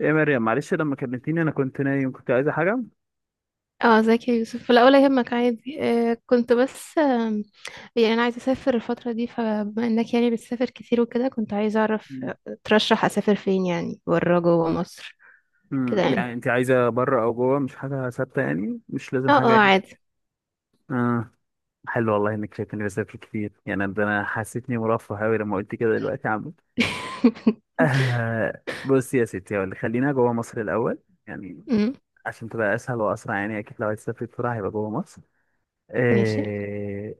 ايه يا مريم، معلش لما كلمتيني انا كنت نايم. كنت عايزه حاجه؟ اه، ازيك يا يوسف؟ لا ولا يهمك، عادي. كنت بس، يعني انا عايزه اسافر الفتره دي، فبما انك يعني بتسافر كتير وكده، كنت عايزه اعرف، مم. ترشح اسافر فين؟ يعني بره جوه مصر؟ كده يعني يعني. انت عايزه بره او جوه؟ مش حاجه ثابته يعني، مش لازم اه حاجه اه، يعني. عادي. اه، حلو والله انك شايفني بسافر كتير. يعني ده انا حسيتني مرفه قوي لما قلت كده دلوقتي يا عم. آه، بص يا ستي هقول لك، خلينا جوه مصر الاول يعني، امم. عشان تبقى اسهل واسرع. يعني اكيد لو عايز تسافر بسرعه هيبقى جوه مصر. ماشي. آه.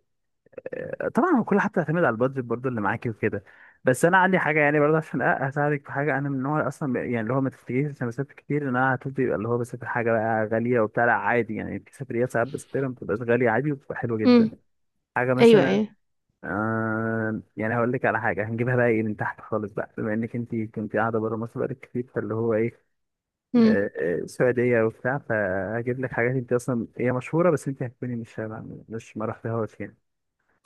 طبعا هو كل حاجه بتعتمد على البادجت برضو اللي معاكي وكده. بس انا عندي حاجه يعني برضه عشان اساعدك في حاجه. انا من النوع اصلا يعني اللي هو ما تفتكريش عشان بسافر كتير ان انا هتبقى يبقى اللي هو بسافر حاجه بقى غاليه وبتاع، لا عادي. يعني في سفريات ساعات بسافرها ما بتبقاش غاليه عادي وبتبقى حلوه امم. جدا. حاجه ايوه مثلا. ايوه. آه يعني هقول لك على حاجه هنجيبها بقى ايه من تحت خالص بقى، بما انك انت كنت قاعده بره مصر بقالك كتير فاللي هو ايه. امم. آه، سعوديه وبتاع، فهجيب لك حاجات انت اصلا هي مشهوره بس انت هتكوني مش ما رحتهاش يعني.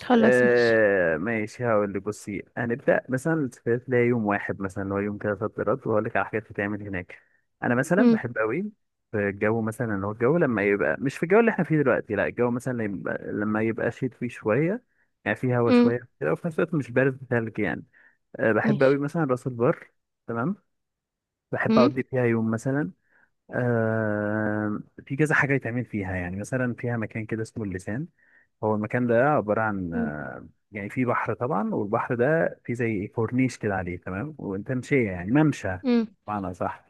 خلاص ماشي. آه ماشي، هقول لك. بصي، هنبدأ مثلا السفريات ليها يوم واحد، مثلا اللي هو يوم كده صد رد، وهقول لك على حاجات بتتعمل هناك. أنا مثلا امم. بحب أوي في الجو، مثلا اللي هو الجو لما يبقى مش في الجو اللي احنا فيه دلوقتي، لا الجو مثلا لما يبقى، لما يبقى شيت فيه شوية، يعني فيه هوا امم. شوية كده وفي نفس الوقت مش بارد تلج يعني. آه بحب أوي ماشي. مثلا راس البر. تمام. بحب امم. أقضي فيها يوم مثلا. آه. في كذا حاجة يتعمل فيها، يعني مثلا فيها مكان كده اسمه اللسان. هو المكان ده عبارة عن امم. يعني في بحر طبعا، والبحر ده فيه زي كورنيش كده عليه تمام، وتمشية يعني ممشى امم. بمعنى صح.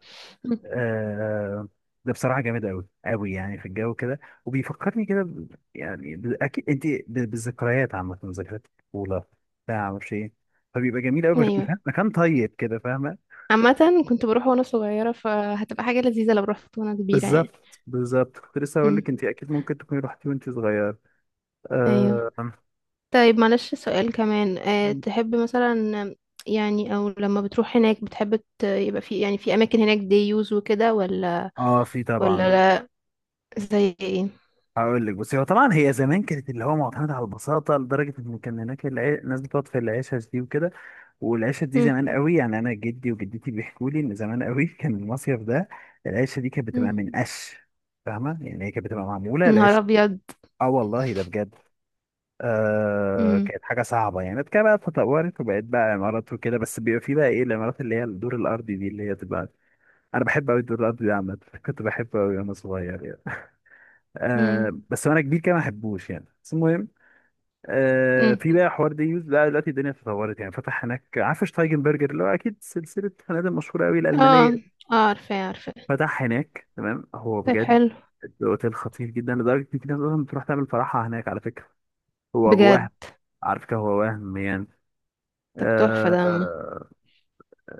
أمم. آه. ده بصراحة جامد أوي أوي، يعني في الجو كده وبيفكرني كده أكيد أنت بالذكريات، عامة ذكريات الطفولة بتاع معرفش إيه. فبيبقى جميل أوي، ايوه. مكان طيب كده، فاهمة؟ عامه، كنت بروح وانا صغيره، فهتبقى حاجه لذيذه لو رحت وانا كبيره يعني. بالظبط بالظبط، كنت لسه هقول امم. لك أنت أكيد ممكن تكوني رحتي وأنت صغير. ايوه. آه. طيب معلش سؤال كمان، تحب مثلا، يعني او لما بتروح هناك، بتحب يبقى في، يعني في اماكن هناك دي يوز وكده، ولا؟ آه في ولا طبعا. لا؟ زي ايه؟ هقول لك. بس هو طبعا هي زمان كانت اللي هو معتمده على البساطه، لدرجه ان كان هناك الناس بتقعد في العشش دي وكده. والعشش دي مم. زمان قوي، يعني انا جدي وجدتي بيحكوا لي ان زمان قوي كان المصيف ده العشه دي كانت مم. بتبقى من قش، فاهمه؟ يعني هي كانت بتبقى معموله نهار العش. ابيض. اه والله ده بجد. آه مم. كانت حاجه صعبه يعني. بعد كده بقى تطورت وبقت بقى عمارات وكده. بس بيبقى في بقى ايه، العمارات اللي هي الدور الارضي دي اللي هي تبقى، انا بحب قوي الدور الارضي ده عامه. كنت بحبه قوي وانا صغير يعني. مم. آه بس وانا كبير كده ما احبوش يعني، بس المهم مم. في بقى حوار ديوز. لا دلوقتي الدنيا اتطورت يعني. فتح هناك، عارف شتايجنبرجر اللي هو اكيد سلسله فنادق مشهوره قوي الالمانيه، اه اه، عارفه عارفه. فتح هناك. تمام، هو طيب بجد حلو. الاوتيل خطير جدا، لدرجه ان في ناس اصلا بتروح تعمل فرحها هناك على فكره. هو أبو بجد. وهم، على فكره هو وهم يعني. طب تحفه، ده آه.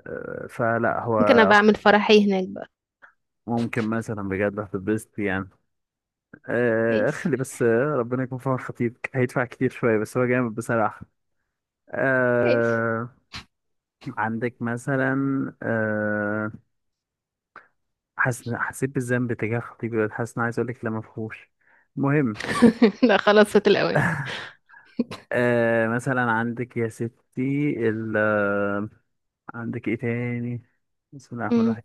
آه فلا هو ممكن ابقى اعمل فرحي هناك بقى. ممكن مثلا بجد هتتبسط يعني. آه اسف، خلي بس، ربنا يكون في عون خطيبك هيدفع كتير شويه، بس هو جامد بصراحه. اسف. آه عندك مثلا آه، حسيت بالذنب تجاه خطيبي دلوقتي، حاسس إن أنا عايز أقول لك لا مفهوش. المهم، لا خلاص، فات الاوان. مثلا عندك يا ستي ال... آه، عندك إيه تاني؟ بسم الله الرحمن مم. الرحيم.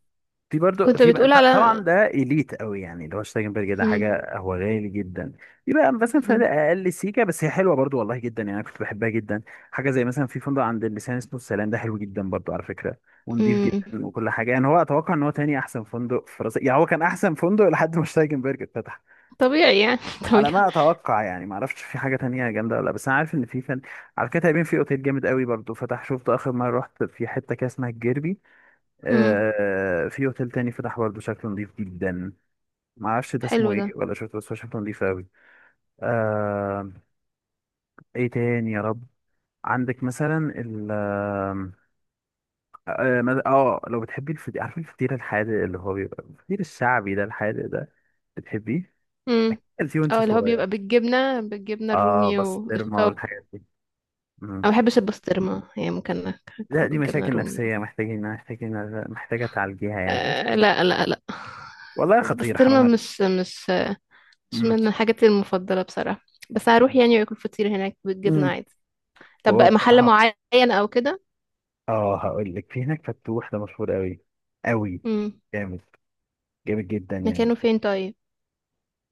في برضو كنت بتقول على. طبعا ده اليت قوي يعني، اللي هو شتايجنبرج ده مم. حاجه هو غالي جدا. في بقى مثلا فنادق مم. اقل سيكه، بس هي حلوه برضو والله جدا يعني. انا كنت بحبها جدا. حاجه زي مثلا في فندق عند اللسان اسمه السلام، ده حلو جدا برضو على فكره، ونضيف مم. جدا وكل حاجه يعني. هو اتوقع ان هو تاني احسن فندق في راس، يعني هو كان احسن فندق لحد ما شتايجنبرج اتفتح، طبيعي يعني. على طبيعي. ما اتوقع يعني. ما اعرفش في حاجه تانية جامده ولا لا، بس انا عارف ان في فن. على كده تقريبا في اوتيل جامد قوي برضو فتح، شفته اخر مره رحت في حته كده اسمها الجيربي. مم. آه في اوتيل تاني فتح برضه شكله نضيف جدا. ما اعرفش ده اسمه حلو ده. ايه ولا شفته، بس هو شكله نضيف قوي. آه. ايه تاني يا رب؟ عندك مثلا ال اه آه، مد- آه، لو بتحبي الفطير، عارفه الفطير الحادق اللي هو بيبقى الفطير الشعبي ده الحادق ده، بتحبيه؟ امم. اكيد أكلتيه وانت اه، اللي هو صغير. بيبقى بالجبنة، بالجبنة اه الرومي بسطرمه والشطة. والحاجات دي. انا ما مم. بحبش البسطرمة يعني، ممكن لا اكله دي بالجبنة مشاكل الرومي نفسية، بس. محتاجين محتاجين محتاجة تعالجيها يعني بس. آه، لا لا لا. والله خطير، حرام البسطرمة عليك. مش مم. من حاجاتي المفضلة بصراحة. بس هروح يعني واكل فطير هناك بالجبنة مم. عادي. طب هو بقى محل بصراحة، معين او كده؟ اه هقول لك، في هناك فتوح ده مشهور قوي قوي، امم. جامد، جامد جدا يعني. مكانه فين طيب؟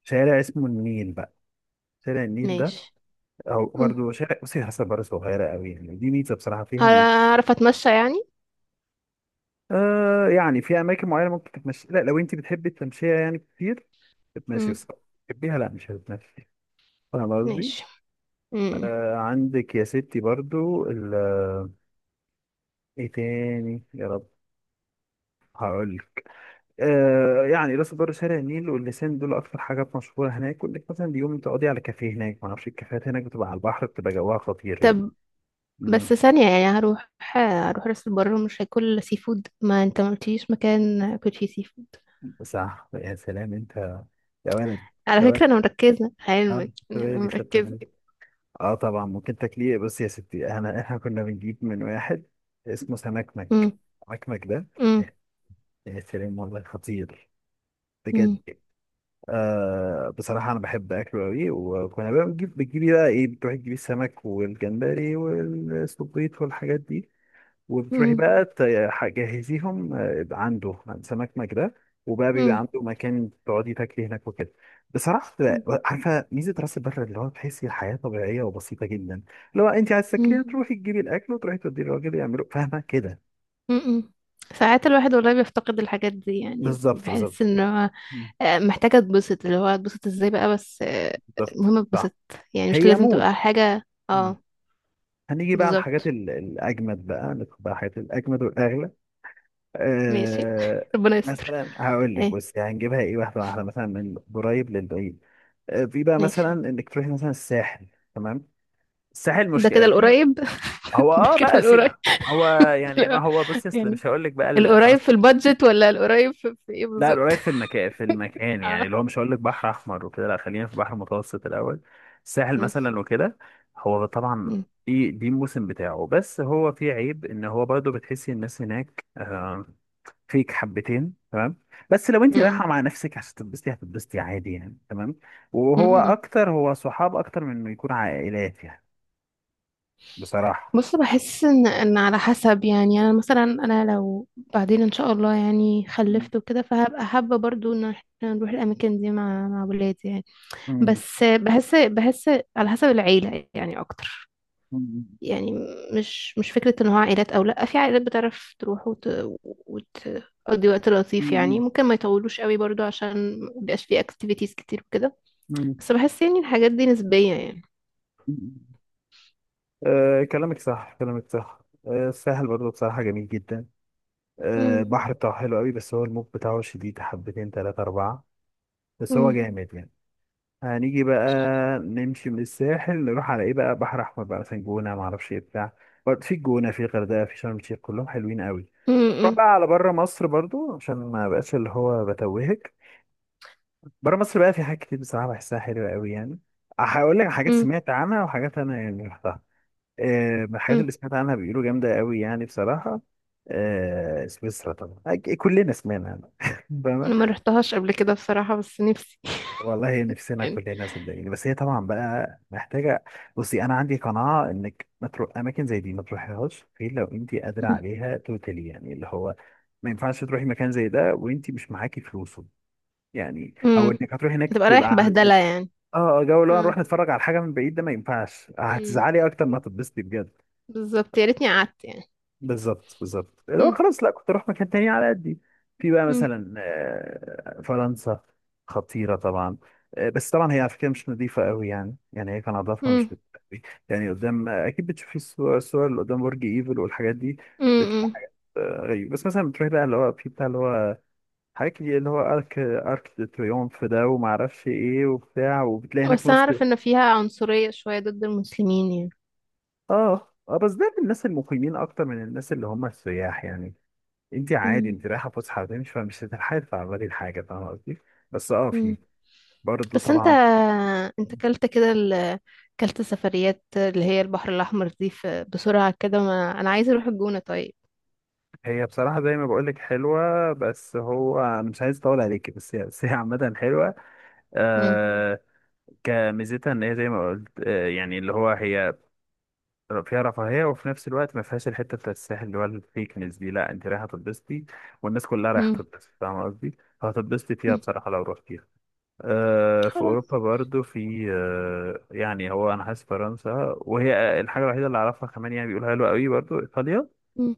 شارع اسمه النيل بقى، شارع النيل ده، ماشي. او امم. برضه شارع، بصي حسب بره صغيره قوي يعني، دي ميزه بصراحه فيها ان، هعرف اتمشى يعني؟ آه يعني في اماكن معينه ممكن تتمشي، لا لو انت بتحبي التمشيه يعني كتير تتمشي امم. بس، تحبيها لا مش هتتمشي، فاهم قصدي؟ ماشي. امم. آه عندك يا ستي برضه ايه تاني يا رب؟ هقول آه يعني راس البر شارع النيل واللسان دول اكتر حاجات مشهوره هناك، وانك مثلا اليوم تقضي على كافيه هناك. ما اعرفش، الكافيهات هناك بتبقى على البحر، بتبقى جواها خطير يعني. طب بس امم ثانية، يعني هروح راس البر ومش هاكل سي فود؟ ما انت ما قلتليش مكان اكل فيه سي فود. صح، يا سلام انت، يا ولد، على يا فكرة ولد. انا مركزة اه علمك، طب يعني إيه انا اللي خدت مركزة. بالك؟ طبعا ممكن تاكليه. بص يا ستي، انا احنا كنا بنجيب من واحد اسمه مم. سمكمك، سمكمك ده، مم. يا سلام والله خطير، بجد. مم. آه بصراحة أنا بحب أكله أوي، وكنا بقى بنجيب بتجيبي بقى إيه، بتروحي تجيبي السمك والجمبري والسبيط والحاجات دي، وبتروحي مم. بقى تجهزيهم عنده، عند سمك مجده، وبقى بيبقى مم. عنده مكان تقعدي تاكلي هناك وكده. بصراحة بتبقى، عارفة ميزة راس البر اللي هو تحسي الحياة طبيعية وبسيطة جدا. لو أنت عايز مم. تاكليها تروحي تجيبي الأكل، وتروحي توديه للراجل يعمله، فاهمة كده؟ مم. ساعات الواحد والله بيفتقد الحاجات دي، يعني بالظبط بحس بالظبط. ان هو، محتاجة اتبسط، اللي هو اتبسط ازاي بقى، بس بالظبط. المهم صح. اتبسط. يعني مش هي لازم موت. تبقى حاجة. اه، هنيجي بقى على الحاجات بالظبط. الأجمد بقى، ندخل بقى الحاجات الأجمد والأغلى. ماشي. أه ربنا يستر. مثلا هقول لك ايه؟ بس هنجيبها إيه واحدة واحدة، مثلا من قريب للبعيد. أه في بقى ماشي. مثلا إنك تروحي مثلا الساحل. تمام. الساحل ده كده مشكلة في، القريب؟ هو ده اه كده بقى القريب؟ سيب، هو يعني ما لا هو بص يا أصل، يعني، مش هقول لك بقى القريب خلاص. في البادجت ولا القريب في ايه لا بالظبط؟ القريب في المكان، في المكان يعني آه. اللي هو مش هقول لك بحر احمر وكده، لا خلينا في بحر متوسط الاول. الساحل يس. مثلا وكده، هو طبعا مم. دي دي الموسم بتاعه، بس هو فيه عيب ان هو برضه بتحسي الناس هناك، فيك حبتين، تمام. بس لو انت مم. رايحه مع نفسك عشان تتبسطي هتتبسطي عادي يعني، تمام. وهو مم. اكتر هو صحاب اكتر من انه يكون عائلات يعني، بصراحه. بص، بحس ان على حسب، يعني انا مثلا، انا لو بعدين ان شاء الله يعني مم. خلفت وكده، فهبقى حابه برضو ان احنا نروح الاماكن دي مع ولادي يعني. مم. بس بحس على حسب العيله يعني اكتر، مم. يعني مش فكرة ان هو عائلات او لا، في عائلات بتعرف تروح وتقضي وقت لطيف، يعني مم. ممكن ما يطولوش قوي برضو عشان مبيبقاش فيه اكتيفيتيز كتير وكده. مم. بس بحس يعني الحاجات دي نسبية يعني. مم. أه كلامك صح، كلامك صح. أه الساحل برضه بصراحة جميل جدا. أه مم. البحر بتاعه حلو قوي، بس هو الموج بتاعه شديد حبتين تلاتة أربعة، بس هو مم. جامد يعني. هنيجي بقى، نمشي من الساحل نروح على إيه بقى، بحر أحمر بقى مثلا، جونة معرفش إيه بتاع. برضه في الجونة في الغردقة في شرم الشيخ، كلهم حلوين قوي. نروح مم. بقى على بره مصر برضه عشان ما بقاش اللي هو بتوهك. بره مصر بقى، في حاجات كتير بصراحة بحسها حلوة قوي يعني. هقول لك حاجات مم. سمعت عنها وحاجات أنا يعني رحتها. من الحاجات مم. اللي سمعت عنها بيقولوا جامدة قوي يعني بصراحة سويسرا طبعا، كلنا سمعنا عنها. فاهمة؟ أنا ما رحتهاش قبل كده بصراحة، بس نفسي. والله نفسنا يعني. كلنا صدقيني، بس هي طبعا بقى محتاجة، بصي أنا عندي قناعة إنك ما تروح أماكن زي دي، ما تروحيهاش غير لو أنت قادرة عليها توتالي، يعني اللي هو ما ينفعش تروحي مكان زي ده وأنت مش معاكي فلوسه، يعني أو مم. إنك هتروحي هناك تبقى تبقى رايح على بهدلة قد. يعني. آه جو اللي هو مم. نروح نتفرج على حاجة من بعيد ده ما ينفعش، مم. هتزعلي أكتر ما هتتبسطي بجد. بالظبط، يا ريتني قعدت يعني. بالظبط بالظبط، اللي هو مم. خلاص لا كنت اروح مكان تاني على قدي. في بقى مم. مثلا فرنسا، خطيره طبعا. بس طبعا هي على فكره مش نظيفه قوي يعني، يعني هي كان نظافه مم. مش نظيفة قوي يعني. قدام، اكيد بتشوفي الصور، الصور اللي قدام برج ايفل والحاجات دي مم. بتبقى مم. حاجات غريبه. بس مثلا بتروحي بقى اللي هو في بتاع اللي هو حاجات كتير اللي هو ارك دي تريومف ده وما اعرفش ايه وبتاع، وبتلاقي هناك بس أنا نص. أعرف إن فيها عنصرية شوية ضد المسلمين يعني. اه اه بس ده للناس المقيمين اكتر من الناس اللي هم السياح يعني. انت عادي، مم. انت رايحه فسحه هتمشي، فمش هتلحقي تتعرضي لحاجه، فاهمه قصدي؟ بس اه في مم. برضه بس انت، طبعا. كلت كده كلت سفريات اللي هي البحر الأحمر دي بسرعة كده، ما... أنا عايزة أروح الجونة طيب. هي بصراحه زي ما بقول لك حلوه، بس هو انا مش عايز اطول عليكي، بس هي، بس هي عامه حلوه. مم. آه كميزتها ان هي زي ما قلت آه يعني اللي هو هي فيها رفاهيه، وفي نفس الوقت ما فيهاش الحته بتاعت الساحل اللي هو الفيكنس دي. لا انت رايحه تتبسطي والناس كلها رايحه مم. تتبسط، فاهمه قصدي؟ فهتتبسطي فيها مم. بصراحه لو روحتيها. في خلاص. اوروبا برضو في، يعني هو انا حاسس فرنسا وهي الحاجه الوحيده اللي اعرفها، كمان يعني بيقولوا حلوه قوي برضو ايطاليا، مم.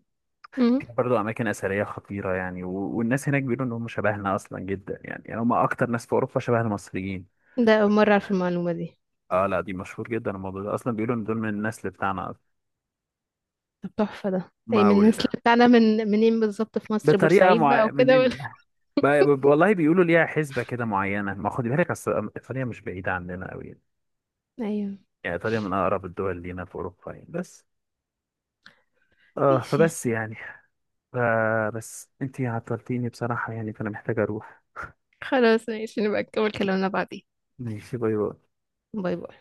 مم. فيها برضو اماكن اثريه خطيره يعني، والناس هناك بيقولوا ان هم شبهنا اصلا جدا يعني، يعني هم اكتر ناس في اوروبا شبه المصريين. ده أول مرة أعرف المعلومة دي. اه لا دي مشهور جدا الموضوع ده اصلا، بيقولوا ان دول من النسل بتاعنا اصلا. طب تحفة ده، أي ما من وال... الناس اللي بتاعنا، من منين بالظبط؟ في مصر بطريقه بورسعيد بقى مع... من وكده، ولا؟ إن- ب... ب... والله بيقولوا ليها حسبه كده معينه، ما خد بالك، اصل ايطاليا مش بعيده عننا قوي يعني، أيوه. يعني ايطاليا من اقرب الدول لينا في اوروبا يعني. بس اه ماشي. فبس يعني آه. بس انتي عطلتيني بصراحة يعني، فانا محتاج اروح. خلاص ماشي، نبقى نكمل كلامنا بعدين. ماشي، باي باي. باي باي.